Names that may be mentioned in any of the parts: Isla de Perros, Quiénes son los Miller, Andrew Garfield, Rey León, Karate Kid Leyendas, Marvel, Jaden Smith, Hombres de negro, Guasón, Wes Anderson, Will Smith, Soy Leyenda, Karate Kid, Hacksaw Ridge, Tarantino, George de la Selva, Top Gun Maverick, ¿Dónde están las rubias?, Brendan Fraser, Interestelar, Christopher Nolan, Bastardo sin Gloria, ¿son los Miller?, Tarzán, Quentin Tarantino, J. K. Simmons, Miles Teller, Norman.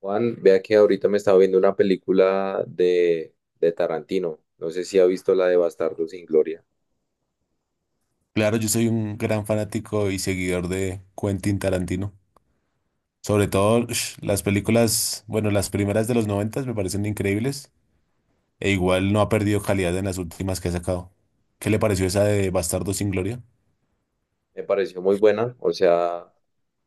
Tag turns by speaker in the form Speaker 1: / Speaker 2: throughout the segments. Speaker 1: Juan, vea que ahorita me estaba viendo una película de Tarantino. No sé si ha visto la de Bastardo sin Gloria.
Speaker 2: Claro, yo soy un gran fanático y seguidor de Quentin Tarantino. Sobre todo las películas, bueno, las primeras de los noventas me parecen increíbles e igual no ha perdido calidad en las últimas que ha sacado. ¿Qué le pareció esa de Bastardo sin Gloria?
Speaker 1: Me pareció muy buena, o sea,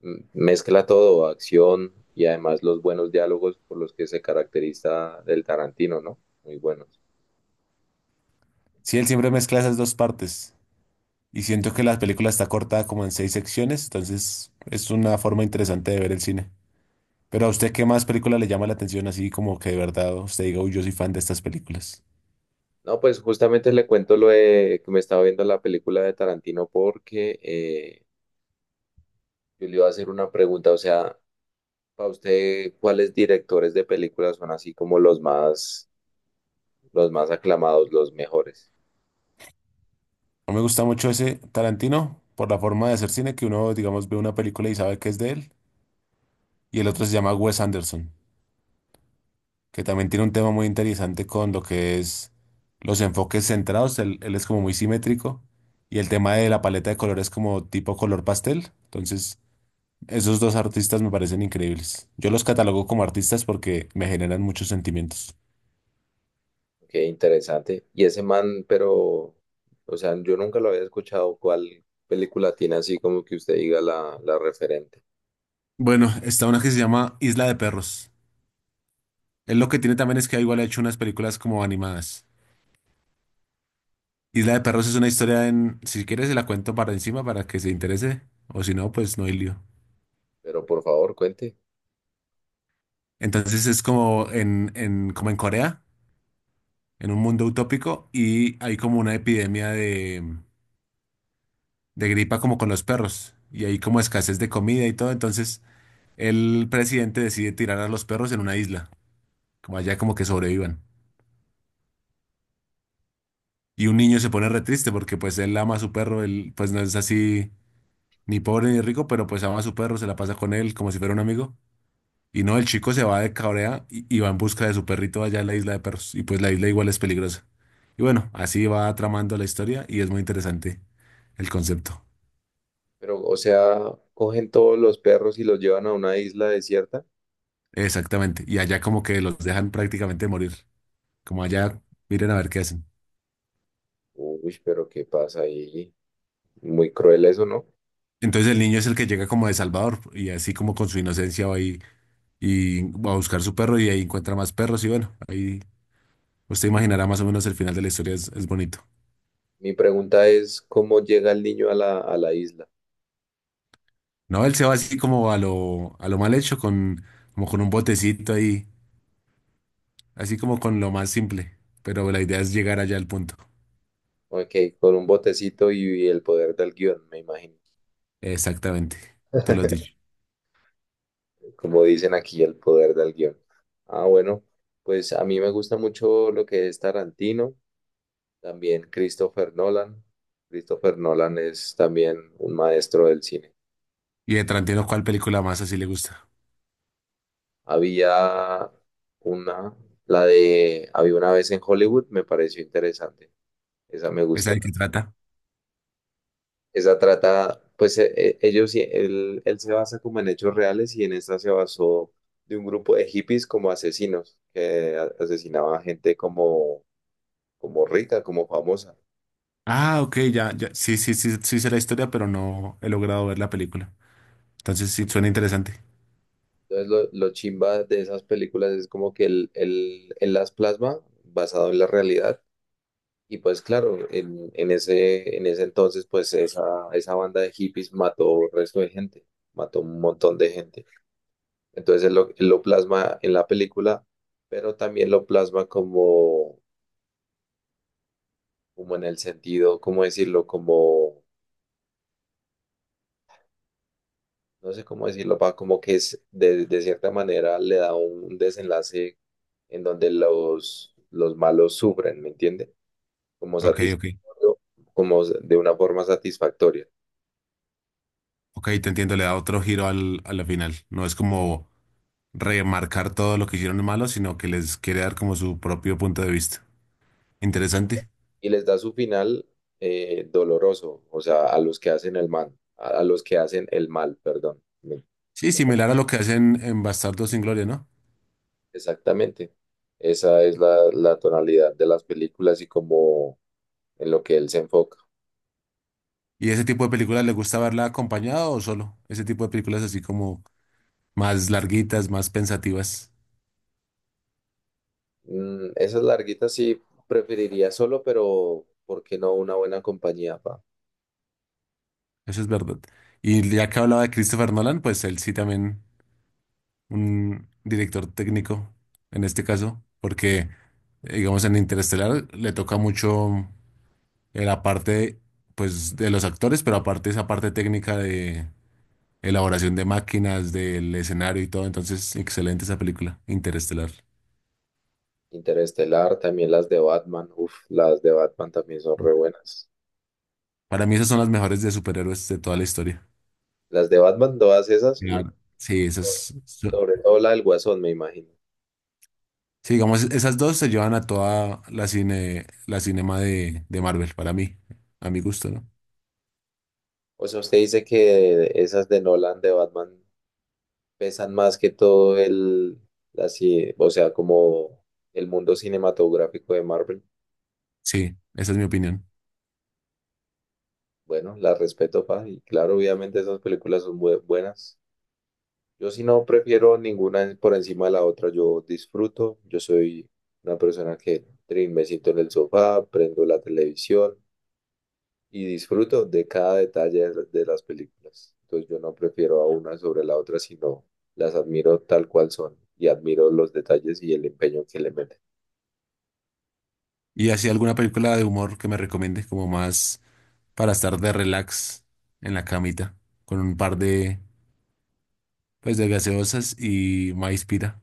Speaker 1: mezcla todo, acción y además los buenos diálogos por los que se caracteriza del Tarantino, ¿no? Muy buenos.
Speaker 2: Sí, él siempre mezcla esas dos partes y siento que la película está cortada como en seis secciones, entonces es una forma interesante de ver el cine. Pero a usted, ¿qué más película le llama la atención así como que de verdad usted diga, uy, yo soy fan de estas películas?
Speaker 1: No, pues justamente le cuento lo de que me estaba viendo la película de Tarantino porque yo le iba a hacer una pregunta, o sea, para usted, ¿cuáles directores de películas son así como los más aclamados, los mejores?
Speaker 2: A mí me gusta mucho ese Tarantino por la forma de hacer cine que uno, digamos, ve una película y sabe que es de él. Y el otro se llama Wes Anderson, que también tiene un tema muy interesante con lo que es los enfoques centrados. Él es como muy simétrico. Y el tema de la paleta de colores como tipo color pastel. Entonces, esos dos artistas me parecen increíbles. Yo los catalogo como artistas porque me generan muchos sentimientos.
Speaker 1: Qué interesante. Y ese man, pero, o sea, yo nunca lo había escuchado. ¿Cuál película tiene así como que usted diga la referente?
Speaker 2: Bueno, está una que se llama Isla de Perros. Él lo que tiene también es que igual ha hecho unas películas como animadas. Isla de Perros es una historia en, si quieres se la cuento para encima para que se interese, o si no, pues no hay lío.
Speaker 1: Pero por favor, cuente.
Speaker 2: Entonces es como como en Corea, en un mundo utópico, y hay como una epidemia de gripa como con los perros, y hay como escasez de comida y todo, entonces el presidente decide tirar a los perros en una isla, como allá como que sobrevivan. Y un niño se pone re triste porque pues él ama a su perro, él pues no es así ni pobre ni rico, pero pues ama a su perro, se la pasa con él como si fuera un amigo. Y no, el chico se va de cabrea y va en busca de su perrito allá en la isla de perros. Y pues la isla igual es peligrosa. Y bueno, así va tramando la historia y es muy interesante el concepto.
Speaker 1: Pero, o sea, cogen todos los perros y los llevan a una isla desierta.
Speaker 2: Exactamente. Y allá como que los dejan prácticamente morir. Como allá, miren a ver qué hacen.
Speaker 1: Uy, pero ¿qué pasa ahí? Muy cruel eso, ¿no?
Speaker 2: Entonces el niño es el que llega como de Salvador y así como con su inocencia y va a buscar su perro y ahí encuentra más perros y bueno, ahí usted imaginará más o menos el final de la historia es bonito.
Speaker 1: Mi pregunta es, ¿cómo llega el niño a a la isla?
Speaker 2: No, él se va así como a a lo mal hecho como con un botecito ahí. Así como con lo más simple, pero la idea es llegar allá al punto.
Speaker 1: Ok, con un botecito y el poder del guión, me imagino.
Speaker 2: Exactamente, tú lo has dicho.
Speaker 1: Como dicen aquí, el poder del guión. Ah, bueno, pues a mí me gusta mucho lo que es Tarantino, también Christopher Nolan. Christopher Nolan es también un maestro del cine.
Speaker 2: Y de Tarantino, ¿cuál película más así le gusta?
Speaker 1: Había una, la de, había una vez en Hollywood, me pareció interesante. Esa me
Speaker 2: ¿Esa
Speaker 1: gustó.
Speaker 2: de qué trata?
Speaker 1: Esa trata, pues ellos, él se basa como en hechos reales y en esta se basó de un grupo de hippies como asesinos que asesinaban gente como como rica, como famosa.
Speaker 2: Ah, ok, ya, ya. Sí, sí, sí, sí sé la historia, pero no he logrado ver la película. Entonces sí, suena interesante.
Speaker 1: Entonces lo chimba de esas películas es como que él las plasma basado en la realidad. Y pues claro, en ese entonces pues esa banda de hippies mató el resto de gente, mató un montón de gente. Entonces él lo plasma en la película, pero también lo plasma como, como en el sentido, ¿cómo decirlo? Como no sé cómo decirlo, pa, como que de cierta manera le da un desenlace en donde los malos sufren, ¿me entiende? Como
Speaker 2: Ok, ok.
Speaker 1: satisfactorio, como de una forma satisfactoria.
Speaker 2: Ok, te entiendo, le da otro giro a la final. No es como remarcar todo lo que hicieron malo, sino que les quiere dar como su propio punto de vista. Interesante.
Speaker 1: Y les da su final doloroso, o sea, a los que hacen el mal, a los que hacen el mal, perdón. Me-
Speaker 2: Sí, similar a lo que hacen en Bastardos sin Gloria, ¿no?
Speaker 1: Exactamente. Esa es la tonalidad de las películas y como en lo que él se enfoca.
Speaker 2: ¿Y ese tipo de películas le gusta verla acompañado o solo? Ese tipo de películas así como más larguitas, más pensativas.
Speaker 1: Mm, esas larguitas sí preferiría solo, pero ¿por qué no una buena compañía, pa?
Speaker 2: Eso es verdad. Y ya que hablaba de Christopher Nolan, pues él sí también un director técnico en este caso, porque digamos en Interestelar le toca mucho la parte pues de los actores, pero aparte esa parte técnica de elaboración de máquinas, del escenario y todo. Entonces, excelente esa película, Interestelar.
Speaker 1: Interestelar, también las de Batman. Uf, las de Batman también son re buenas.
Speaker 2: Para mí esas son las mejores de superhéroes de toda la historia.
Speaker 1: Las de Batman, todas esas,
Speaker 2: Claro. Sí, esas,
Speaker 1: sobre todo la del Guasón, me imagino.
Speaker 2: sí, digamos, esas dos se llevan a toda la cine, la cinema de Marvel, para mí, a mi gusto, ¿no?
Speaker 1: O sea, usted dice que esas de Nolan, de Batman, pesan más que todo el, así, o sea, como el mundo cinematográfico de Marvel.
Speaker 2: Sí, esa es mi opinión.
Speaker 1: Bueno, las respeto, pa, y claro, obviamente esas películas son buenas. Yo sí no prefiero ninguna por encima de la otra, yo disfruto, yo soy una persona que trin, me siento en el sofá, prendo la televisión y disfruto de cada detalle de las películas. Entonces yo no prefiero a una sobre la otra, sino las admiro tal cual son y admiro los detalles y el empeño que le meten.
Speaker 2: ¿Y así alguna película de humor que me recomiende, como más para estar de relax en la camita, con un par de, pues, de gaseosas y maíz pira?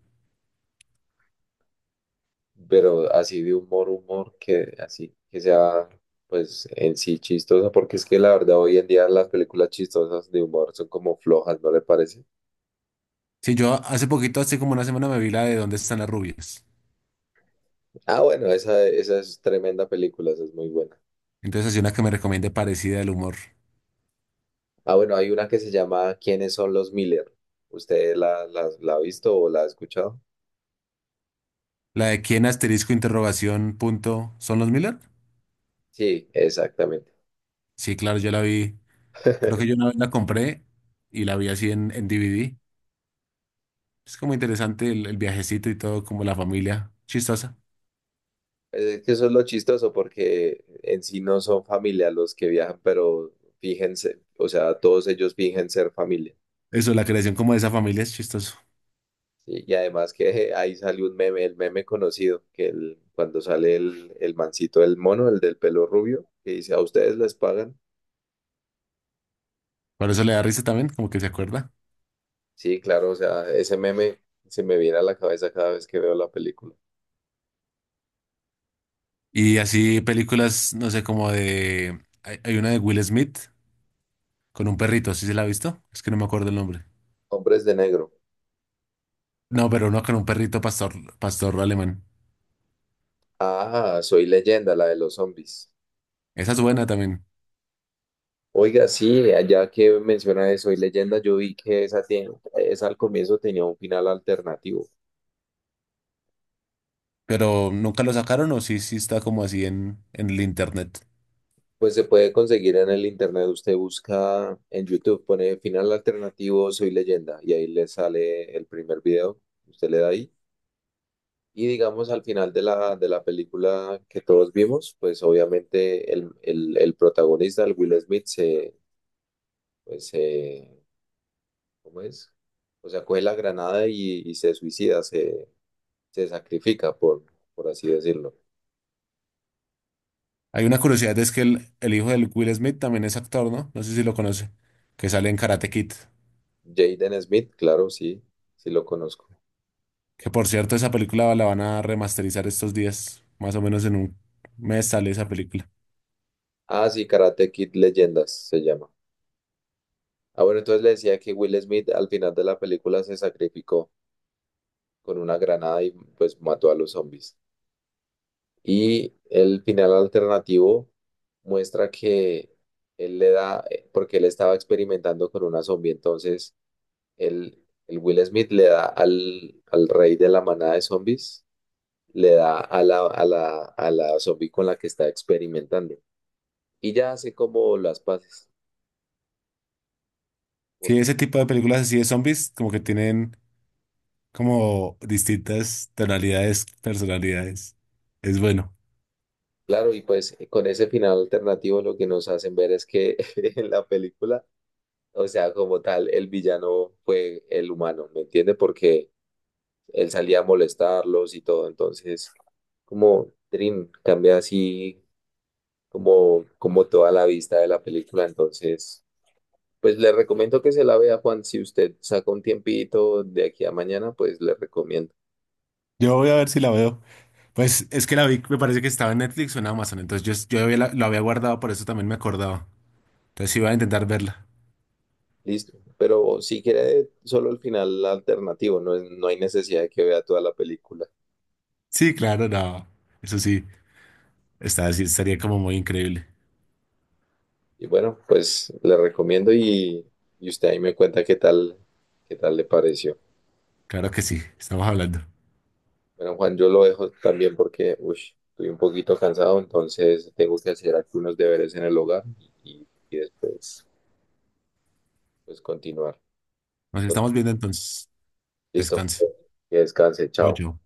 Speaker 1: Pero así de humor, humor, que así, que sea pues en sí chistosa, porque es que la verdad hoy en día las películas chistosas de humor son como flojas, ¿no le parece?
Speaker 2: Sí, yo hace poquito, hace como una semana, me vi la de ¿Dónde están las rubias?
Speaker 1: Ah, bueno, esa es tremenda película, esa es muy buena.
Speaker 2: Entonces, así una que me recomiende parecida al humor.
Speaker 1: Ah, bueno, hay una que se llama ¿Quiénes son los Miller? ¿Usted la ha visto o la ha escuchado?
Speaker 2: La de quién asterisco interrogación punto, ¿son los Miller?
Speaker 1: Sí, exactamente.
Speaker 2: Sí, claro, yo la vi. Creo que yo una vez la compré y la vi así en DVD. Es como interesante el viajecito y todo, como la familia. Chistosa.
Speaker 1: Es que eso es lo chistoso porque en sí no son familia los que viajan, pero fíjense, o sea, todos ellos fingen ser familia.
Speaker 2: Eso, la creación como de esa familia es chistoso.
Speaker 1: Sí, y además que ahí salió un meme, el meme conocido, que el, cuando sale el mancito, el mono, el del pelo rubio, que dice, ¿a ustedes les pagan?
Speaker 2: Por eso le da risa también, como que se acuerda.
Speaker 1: Sí, claro, o sea, ese meme se me viene a la cabeza cada vez que veo la película.
Speaker 2: Y así películas, no sé, como de... hay una de Will Smith con un perrito, ¿sí se la ha visto? Es que no me acuerdo el nombre.
Speaker 1: Hombres de negro.
Speaker 2: No, pero uno con un perrito pastor, pastor alemán.
Speaker 1: Ah, Soy Leyenda, la de los zombies.
Speaker 2: Esa es buena también.
Speaker 1: Oiga, sí, allá que menciona de Soy Leyenda, yo vi que esa, tiene, esa al comienzo tenía un final alternativo.
Speaker 2: Pero nunca lo sacaron o sí, sí está como así en el internet.
Speaker 1: Pues se puede conseguir en el internet, usted busca en YouTube, pone final alternativo Soy Leyenda y ahí le sale el primer video, usted le da ahí. Y digamos al final de de la película que todos vimos, pues obviamente el protagonista, el Will Smith, se, pues, se, ¿cómo es? O sea, coge la granada y se suicida, se sacrifica, por así decirlo.
Speaker 2: Hay una curiosidad, es que el hijo del Will Smith también es actor, ¿no? No sé si lo conoce, que sale en Karate Kid.
Speaker 1: Jaden Smith, claro, sí, sí lo conozco.
Speaker 2: Que por cierto, esa película la van a remasterizar estos días, más o menos en un mes sale esa película.
Speaker 1: Ah, sí, Karate Kid Leyendas se llama. Ah, bueno, entonces le decía que Will Smith al final de la película se sacrificó con una granada y pues mató a los zombies. Y el final alternativo muestra que él le da, porque él estaba experimentando con una zombie, entonces él, el Will Smith le da al rey de la manada de zombies, le da a a la zombie con la que está experimentando. Y ya hace como las paces,
Speaker 2: Sí,
Speaker 1: porque
Speaker 2: ese tipo de películas así de zombies, como que tienen como distintas tonalidades, personalidades. Es bueno.
Speaker 1: claro, y pues con ese final alternativo lo que nos hacen ver es que en la película, o sea, como tal, el villano fue el humano, ¿me entiende? Porque él salía a molestarlos y todo, entonces... Como Dream, cambia así como, como toda la vista de la película. Entonces, pues le recomiendo que se la vea, Juan. Si usted saca un tiempito de aquí a mañana, pues le recomiendo.
Speaker 2: Yo voy a ver si la veo. Pues es que la vi, me parece que estaba en Netflix o en Amazon, entonces yo había lo había guardado, por eso también me acordaba. Entonces iba a intentar verla.
Speaker 1: Listo. Pero si quiere solo el final alternativo, no, no hay necesidad de que vea toda la película.
Speaker 2: Sí, claro, no, eso sí. Está, sí, estaría como muy increíble.
Speaker 1: Y bueno, pues le recomiendo y usted ahí me cuenta qué tal le pareció.
Speaker 2: Claro que sí, estamos hablando.
Speaker 1: Bueno, Juan, yo lo dejo también porque uy, estoy un poquito cansado, entonces tengo que hacer algunos deberes en el hogar y después pues continuar.
Speaker 2: Nos
Speaker 1: Con-
Speaker 2: estamos viendo entonces.
Speaker 1: Listo,
Speaker 2: Descanse.
Speaker 1: que descanse,
Speaker 2: Chao,
Speaker 1: chao.
Speaker 2: chao.